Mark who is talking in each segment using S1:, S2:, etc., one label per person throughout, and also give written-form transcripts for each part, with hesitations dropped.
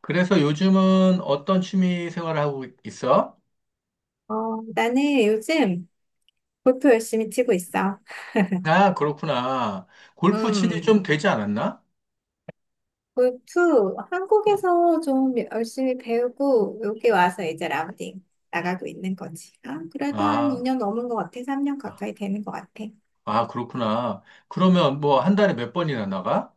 S1: 그래서 요즘은 어떤 취미 생활을 하고 있어?
S2: 어, 나는 요즘 골프 열심히 치고 있어.
S1: 아, 그렇구나. 골프 친지
S2: 음,
S1: 좀 되지 않았나?
S2: 골프
S1: 응.
S2: 한국에서 좀 열심히 배우고 여기 와서 이제 라운딩 나가고 있는 거지. 아, 그래도 한
S1: 아,
S2: 2년 넘은 것 같아. 3년 가까이 되는 것 같아.
S1: 아, 그렇구나. 그러면 뭐 한 달에 몇 번이나 나가?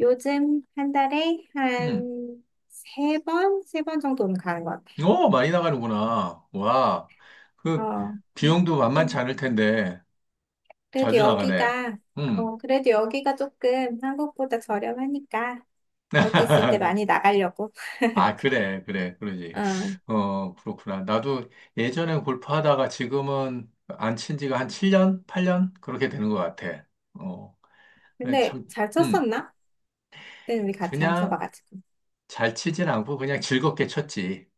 S2: 요즘 한 달에
S1: 응.
S2: 한 세 번 정도는 가는 것 같아.
S1: 오, 많이 나가는구나. 와, 그
S2: 어,
S1: 비용도 만만치
S2: 근-
S1: 않을 텐데
S2: 그래도
S1: 자주 나가네. 응.
S2: 여기가 조금 한국보다 저렴하니까 여기 있을 때 많이 나가려고.
S1: 아, 그래, 그래, 그러지.
S2: 어.
S1: 어, 그렇구나. 나도 예전에 골프 하다가 지금은 안 친 지가 한 7년, 8년? 그렇게 되는 것 같아. 어. 그래,
S2: 근데
S1: 참,
S2: 잘
S1: 음,
S2: 쳤었나? 그때는 우리 같이 안
S1: 그냥
S2: 쳐봐가지고.
S1: 잘 치진 않고 그냥 즐겁게 쳤지.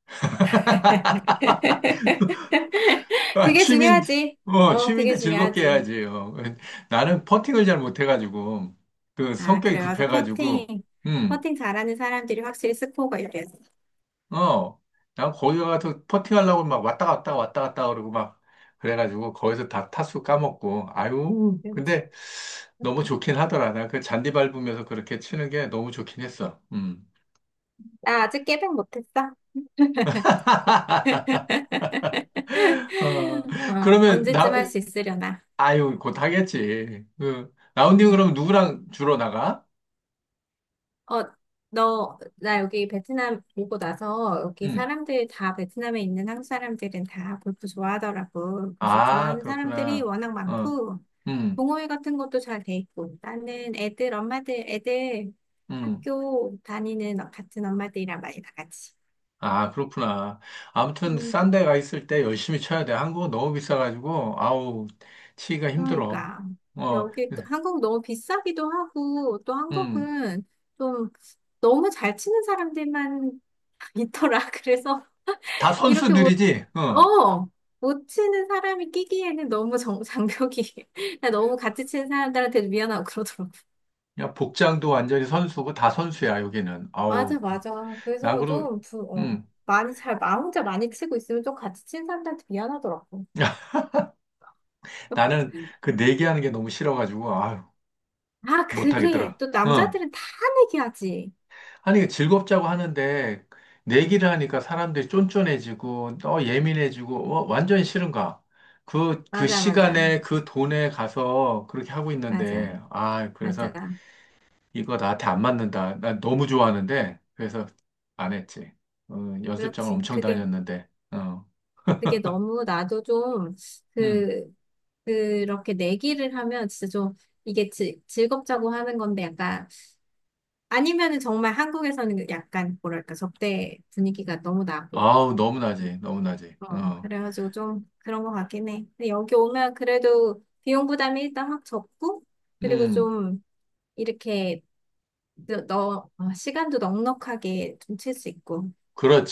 S1: 아,
S2: 그게 중요하지. 그게
S1: 취미인데 즐겁게
S2: 중요하지.
S1: 해야지. 요 나는 퍼팅을 잘 못해가지고, 그
S2: 아,
S1: 성격이
S2: 그래. 맞아. 퍼팅.
S1: 급해가지고, 음,
S2: 퍼팅 잘하는 사람들이 확실히 스코어가 이겠어.
S1: 어, 난 거기 가서 퍼팅하려고 막 왔다 갔다 왔다 갔다 그러고 막, 그래가지고 거기서 다 타수 까먹고, 아유,
S2: 그렇지.
S1: 근데 너무 좋긴 하더라. 나 그 잔디 밟으면서 그렇게 치는 게 너무 좋긴 했어. 음.
S2: 나 아직 깨백 못했어.
S1: 어,
S2: 어,
S1: 그러면
S2: 언제쯤
S1: 나,
S2: 할 수 있으려나.
S1: 아유, 곧 하겠지. 그, 라운딩 그럼 누구랑 주로 나가?
S2: 어, 나 여기 베트남 오고 나서 여기
S1: 응.
S2: 사람들 다 베트남에 있는 한국 사람들은 다 골프 좋아하더라고. 그래서
S1: 아,
S2: 좋아하는 사람들이
S1: 그렇구나.
S2: 워낙
S1: 어,
S2: 많고,
S1: 응,
S2: 동호회 같은 것도 잘 돼 있고, 나는 엄마들, 애들
S1: 응.
S2: 학교 다니는 같은 엄마들이랑 많이 나가지.
S1: 아, 그렇구나. 아무튼, 싼
S2: 음,
S1: 데가 있을 때 열심히 쳐야 돼. 한국은 너무 비싸가지고, 아우, 치기가 힘들어.
S2: 그러니까.
S1: 어,
S2: 여기 또 한국 너무 비싸기도 하고, 또
S1: 응.
S2: 한국은 좀 너무 잘 치는 사람들만 있더라. 그래서
S1: 다
S2: 이렇게 뭐
S1: 선수들이지? 어.
S2: 어, 못 치는 사람이 끼기에는 너무 장벽이, 나 너무 같이 치는 사람들한테도 미안하고 그러더라고.
S1: 야, 복장도 완전히 선수고, 다 선수야, 여기는.
S2: 맞아,
S1: 아우,
S2: 맞아.
S1: 나
S2: 그래서
S1: 그러,
S2: 좀, 부, 어,
S1: 응.
S2: 많이 잘, 나 혼자 많이 치고 있으면 좀 같이 치는 사람들한테 미안하더라고.
S1: 나는 그 내기하는 게 너무 싫어가지고, 아유,
S2: 아, 그래.
S1: 못하겠더라.
S2: 또
S1: 응.
S2: 남자들은 다 내기하지.
S1: 아니, 즐겁자고 하는데, 내기를 하니까 사람들이 쫀쫀해지고, 또 예민해지고, 완전히 싫은가? 그
S2: 맞아, 맞아.
S1: 시간에 그 돈에 가서 그렇게 하고
S2: 맞아,
S1: 있는데, 아, 그래서
S2: 맞아.
S1: 이거 나한테 안 맞는다. 나 너무 좋아하는데, 그래서 안 했지. 어, 연습장을
S2: 그렇지.
S1: 엄청 다녔는데,
S2: 그게 너무 나도
S1: 음,
S2: 그, 그렇게 내기를 하면 이게 즐겁자고 하는 건데 약간 아니면은 정말 한국에서는 그 약간 뭐랄까 접대 분위기가 너무 나고
S1: 아우, 너무나지, 너무나지,
S2: 그래가지고 좀 그런 것 같긴 해. 근데 여기 오면 그래도 비용 부담이 일단 확 적고 그리고
S1: 음,
S2: 좀 이렇게 시간도 넉넉하게 좀 칠 수 있고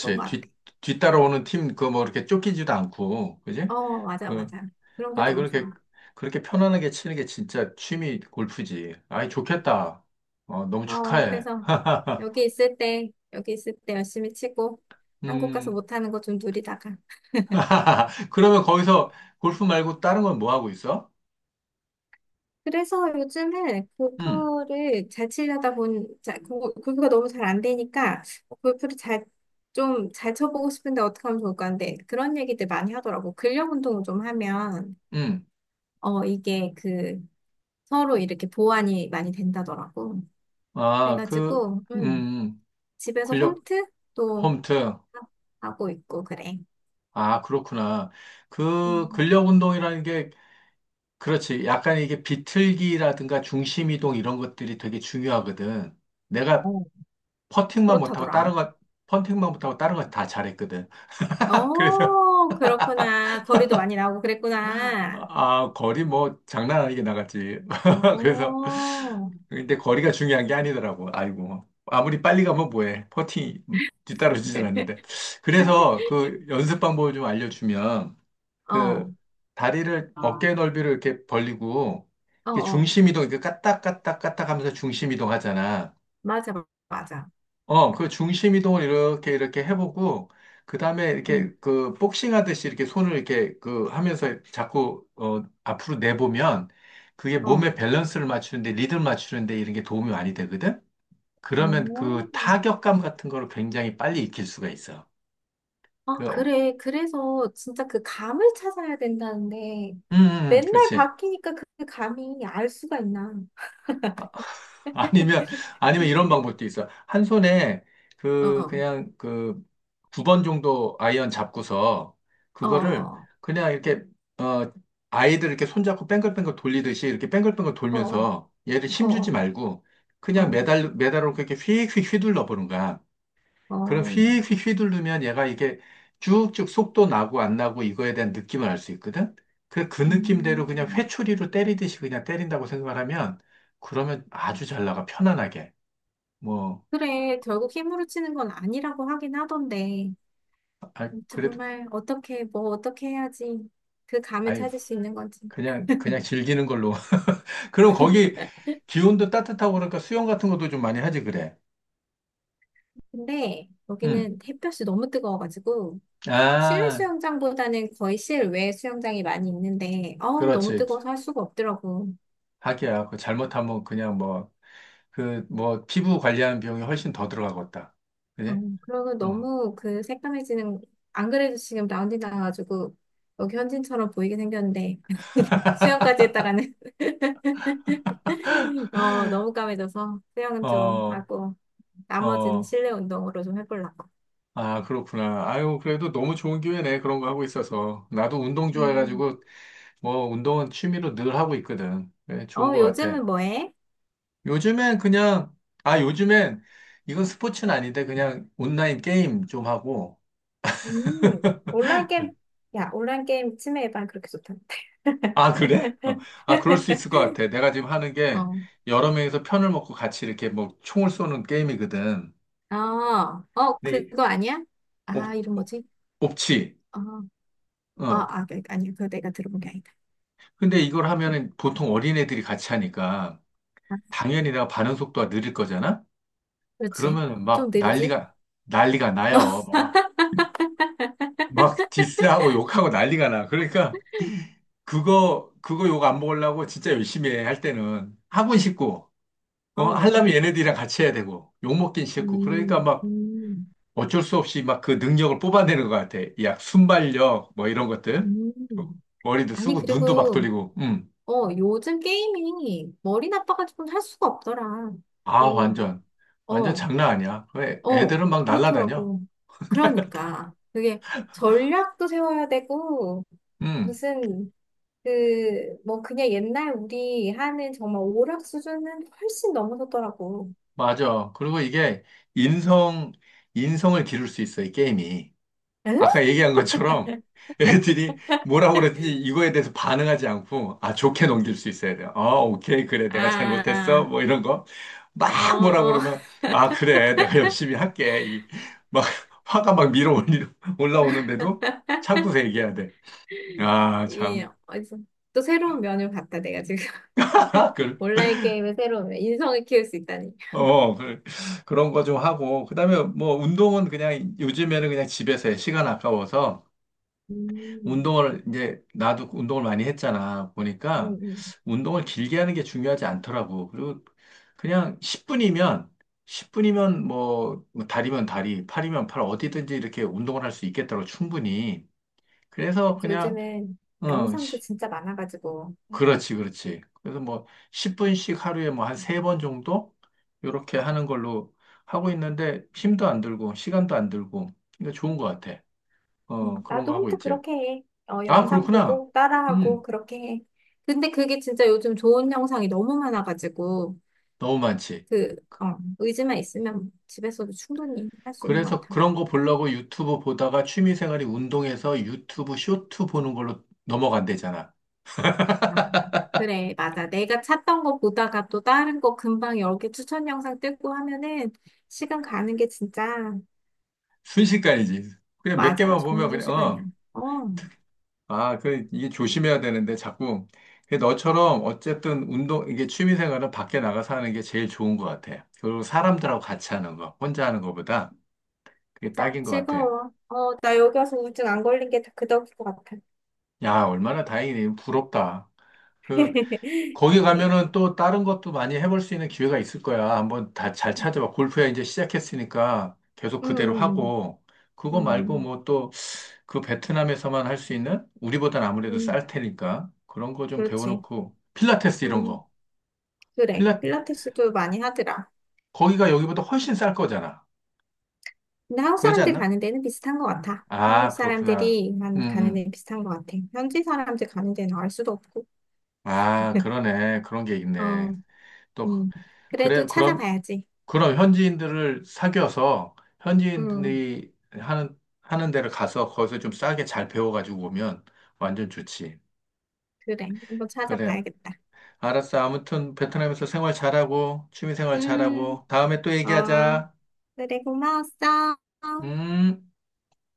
S2: 그런 것 같아.
S1: 뒤따라오는 팀, 그 뭐 이렇게 쫓기지도 않고, 그지?
S2: 어, 맞아,
S1: 그
S2: 맞아. 그런 게
S1: 아이,
S2: 너무
S1: 그렇게,
S2: 좋아.
S1: 그렇게 편안하게 치는 게 진짜 취미 골프지. 아이, 좋겠다. 너무
S2: 어,
S1: 축하해.
S2: 그래서 여기 있을 때 열심히 치고 한국 가서
S1: 음,
S2: 못하는 거 좀 누리다가
S1: 그러면 거기서 골프 말고 다른 건 뭐 하고 있어?
S2: 그래서 요즘은
S1: 음,
S2: 골프를 잘 치려다 골프가 너무 잘 안 되니까 골프를 잘, 좀 잘 쳐보고 싶은데 어떻게 하면 좋을까 하는데 그런 얘기들 많이 하더라고. 근력 운동을 좀 하면,
S1: 음,
S2: 어, 이게 그 서로 이렇게 보완이 많이 된다더라고.
S1: 아, 그,
S2: 그래가지고,
S1: 음, 음.
S2: 집에서
S1: 근력
S2: 홈트도
S1: 홈트.
S2: 하고 있고, 그래.
S1: 아, 그렇구나. 그
S2: 음,
S1: 근력 운동이라는 게, 그렇지. 약간 이게 비틀기라든가 중심 이동 이런 것들이 되게 중요하거든. 내가
S2: 어,
S1: 퍼팅만 못하고 다른
S2: 그렇다더라.
S1: 것, 퍼팅만 못하고 다른 건 다 잘했거든. 그래서
S2: 어, 그렇구나. 거리도 많이 나오고 그랬구나.
S1: 아, 거리 뭐 장난 아니게 나갔지. 그래서
S2: 어.
S1: 근데 거리가 중요한 게 아니더라고. 아이고. 아무리 빨리 가면 뭐해. 퍼팅 뒤따라오질 않는데. 그래서 그 연습 방법을 좀 알려주면
S2: 어,
S1: 그 다리를
S2: 아,
S1: 어깨 넓이를 이렇게 벌리고
S2: 어,
S1: 이렇게
S2: 어.
S1: 중심 이동 이렇게 까딱 까딱 까딱 하면서 중심 이동 하잖아.
S2: 맞아, 맞아.
S1: 그 중심 이동을 이렇게 이렇게 해보고 그 다음에 이렇게
S2: 음,
S1: 그 복싱 하듯이 이렇게 손을 이렇게 그 하면서 자꾸 앞으로 내보면 그게
S2: 어.
S1: 몸의 밸런스를 맞추는데 리듬 맞추는데 이런 게 도움이 많이 되거든. 그러면
S2: 오,
S1: 그 타격감 같은 거를 굉장히 빨리 익힐 수가 있어.
S2: 아,
S1: 그, 어,
S2: 그래. 그래서 진짜 그 감을 찾아야 된다는데, 맨날
S1: 그렇지.
S2: 바뀌니까 그 감이 알 수가 있나.
S1: 아, 아니면 아니면 이런 방법도 있어. 한 손에 그
S2: 어,
S1: 그냥 그 2번 정도 아이언 잡고서
S2: 어,
S1: 그거를
S2: 어,
S1: 그냥 이렇게 아이들 이렇게 손잡고 뱅글뱅글 돌리듯이 이렇게 뱅글뱅글
S2: 어,
S1: 돌면서 얘를 힘주지
S2: 어,
S1: 말고
S2: 어,
S1: 그냥
S2: 어,
S1: 매달로 그렇게 휙휙 휘둘러 보는 거야. 그럼
S2: 어.
S1: 휙휙 휘두르면 얘가 이게 쭉쭉 속도 나고 안 나고 이거에 대한 느낌을 알 수 있거든? 그그 느낌대로 그냥
S2: 음.
S1: 회초리로 때리듯이 그냥 때린다고 생각을 하면 그러면 아주 잘 나가, 편안하게. 뭐,
S2: 그래. 결국 힘으로 치는 건 아니라고 하긴 하던데,
S1: 아, 그래도,
S2: 정말 어떻게 해야지 그 감을
S1: 아유,
S2: 찾을 수 있는 건지.
S1: 그냥, 그냥 즐기는 걸로. 그럼 거기 기온도 따뜻하고 그러니까 수영 같은 것도 좀 많이 하지, 그래.
S2: 근데
S1: 응.
S2: 여기는 햇볕이 너무 뜨거워가지고, 실내
S1: 아.
S2: 수영장보다는 거의 실외 수영장이 많이 있는데, 어우, 너무
S1: 그렇지.
S2: 뜨거워서 할 수가 없더라고.
S1: 하기야. 그 잘못하면 그냥 뭐, 그, 뭐, 피부 관리하는 비용이 훨씬 더 들어가겠다.
S2: 어,
S1: 그지?
S2: 그러고
S1: 어,
S2: 너무 그 새까매지는, 안 그래도 지금 라운지 나와가지고, 여기 현진처럼 보이게 생겼는데, 수영까지 했다가는, 어, 너무 까매져서, 수영은 좀
S1: 어,
S2: 하고, 나머지는
S1: 어.
S2: 실내 운동으로 좀 해보려고.
S1: 아, 그렇구나. 아유, 그래도 너무 좋은 기회네. 그런 거 하고 있어서. 나도 운동
S2: 음,
S1: 좋아해가지고, 뭐, 운동은 취미로 늘 하고 있거든. 네, 좋은
S2: 어,
S1: 거 같아.
S2: 요즘은 뭐 해?
S1: 요즘엔 그냥, 요즘엔, 이건 스포츠는 아닌데, 그냥 온라인 게임 좀 하고,
S2: 온라인 게임, 야, 온라인 게임 치매 예방 그렇게 좋다.
S1: 아, 그래? 어. 아, 그럴 수 있을 것 같아. 내가 지금 하는 게
S2: 어.
S1: 여러 명이서 편을 먹고 같이 이렇게 뭐 총을 쏘는 게임이거든.
S2: 어, 어,
S1: 근데
S2: 그거 아니야? 아,
S1: 옵,
S2: 이름 뭐지?
S1: 옵치.
S2: 어, 어,
S1: 어.
S2: 아니, 그거 내가 들어본 게 아니다.
S1: 근데 이걸 하면은 보통 어린애들이 같이 하니까
S2: 아,
S1: 당연히 내가 반응 속도가 느릴 거잖아?
S2: 그렇지.
S1: 그러면
S2: 좀
S1: 막
S2: 느리지?
S1: 난리가 나요. 막 디스하고 욕하고 난리가 나. 그러니까 그거 욕 안 먹으려고 진짜 열심히 해, 할 때는. 하고 싶고,
S2: 어,
S1: 하려면 얘네들이랑 같이 해야 되고, 욕 먹긴 싫고. 그러니까
S2: 음,
S1: 막,
S2: 음,
S1: 어쩔 수 없이 막 그 능력을 뽑아내는 것 같아. 이 약 순발력 뭐 이런 것들.
S2: 음.
S1: 머리도
S2: 아니,
S1: 쓰고 눈도 막
S2: 그리고,
S1: 돌리고. 음.
S2: 어, 요즘 게임이 머리 나빠가지고 할 수가 없더라.
S1: 아,
S2: 그,
S1: 완전. 완전
S2: 어,
S1: 장난 아니야. 왜 애-
S2: 어,
S1: 애들은 막 날라다녀.
S2: 그렇더라고. 그러니까. 그게 전략도 세워야 되고,
S1: 음.
S2: 무슨 그냥 옛날 우리 하는 정말 오락 수준은 훨씬 넘어섰더라고.
S1: 맞아. 그리고 이게 인성 인성을 기를 수 있어, 이 게임이.
S2: 응?
S1: 아까 얘기한 것처럼 애들이 뭐라고 그랬든지 이거에 대해서 반응하지 않고 아 좋게 넘길 수 있어야 돼요. 어 오케이 그래 내가 잘못했어
S2: 아,
S1: 뭐 이런 거 막 뭐라고
S2: 어,
S1: 그러면 아 그래 내가 열심히 할게 막 화가 막 올라오는데도 참고서 얘기해야 돼. 아
S2: 이,
S1: 참.
S2: 어디서, 또 새로운 면을 봤다, 내가 지금.
S1: 그
S2: 온라인 게임의 새로운 면, 인성을 키울 수 있다니.
S1: 어, 그, 그런 거 좀 하고, 그 다음에 뭐 운동은 그냥 요즘에는 그냥 집에서 해. 시간 아까워서
S2: 음,
S1: 운동을 이제 나도 운동을 많이 했잖아.
S2: 음,
S1: 보니까
S2: 음.
S1: 운동을 길게 하는 게 중요하지 않더라고. 그리고 그냥 10분이면 뭐 다리면 다리, 팔이면 팔 어디든지 이렇게 운동을 할 수 있겠더라고 충분히. 그래서
S2: 그치,
S1: 그냥
S2: 요즘은
S1: 어,
S2: 영상도
S1: 시-
S2: 진짜 많아가지고.
S1: 그렇지, 그렇지. 그래서 뭐 10분씩 하루에 뭐 한 3번 정도 이렇게 하는 걸로 하고 있는데 힘도 안 들고 시간도 안 들고 그러니까 좋은 것 같아. 어, 그런
S2: 나도
S1: 거 하고
S2: 혼자
S1: 있지.
S2: 그렇게 해. 어,
S1: 아,
S2: 영상
S1: 그렇구나.
S2: 보고, 따라하고,
S1: 음.
S2: 그렇게 해. 근데 그게 진짜 요즘 좋은 영상이 너무 많아가지고.
S1: 너무 많지.
S2: 의지만 있으면 집에서도 충분히 할 수 있는 것
S1: 그래서
S2: 같아.
S1: 그런 거 보려고 유튜브 보다가 취미생활이 운동해서 유튜브 쇼트 보는 걸로 넘어간대잖아.
S2: 아, 그래, 맞아. 내가 찾던 거 보다가 또 다른 거 금방 여러 개 추천 영상 뜯고 하면은 시간 가는 게 진짜,
S1: 순식간이지. 그냥 몇
S2: 맞아.
S1: 개만 보면
S2: 정말
S1: 그냥,
S2: 순식간이야.
S1: 어.
S2: 어,
S1: 아, 그, 이게 조심해야 되는데, 자꾸. 근데 너처럼, 어쨌든, 운동, 이게 취미생활은 밖에 나가서 하는 게 제일 좋은 것 같아. 그리고 사람들하고 같이 하는 거, 혼자 하는 거보다 그게
S2: 맞아.
S1: 딱인 것 같아.
S2: 즐거워. 어, 나 여기 와서 우울증 안 걸린 게 다 그 덕일 것 같아.
S1: 야, 얼마나 다행이네. 부럽다. 그, 거기
S2: 오케이.
S1: 가면은 또 다른 것도 많이 해볼 수 있는 기회가 있을 거야. 한번 다 잘 찾아봐. 골프야 이제 시작했으니까 계속
S2: 음,
S1: 그대로
S2: 음,
S1: 하고, 그거 말고
S2: 음,
S1: 뭐 또 그 베트남에서만 할 수 있는 우리보단 아무래도
S2: 음,
S1: 쌀 테니까 그런 거 좀
S2: 그렇지.
S1: 배워놓고, 필라테스 이런
S2: 음,
S1: 거.
S2: 그래.
S1: 필라,
S2: 필라테스도 많이 하더라.
S1: 거기가 여기보다 훨씬 쌀 거잖아.
S2: 근데
S1: 그러지 않나?
S2: 한국
S1: 아, 그렇구나.
S2: 사람들이
S1: 음,
S2: 한 가는
S1: 음.
S2: 데는 비슷한 것 같아. 현지 사람들 가는 데는 알 수도 없고.
S1: 아, 그러네. 그런 게 있네.
S2: 어,
S1: 또,
S2: 음. 그래도
S1: 그래, 그럼.
S2: 찾아봐야지.
S1: 그럼 현지인들을 사귀어서
S2: 음,
S1: 현지인들이 하는 데를 가서 거기서 좀 싸게 잘 배워가지고 오면 완전 좋지.
S2: 그래. 한번
S1: 그래.
S2: 찾아봐야겠다.
S1: 알았어. 아무튼 베트남에서 생활 잘하고, 취미 생활
S2: 음,
S1: 잘하고, 다음에 또
S2: 어,
S1: 얘기하자.
S2: 그래. 고마웠어.
S1: 음.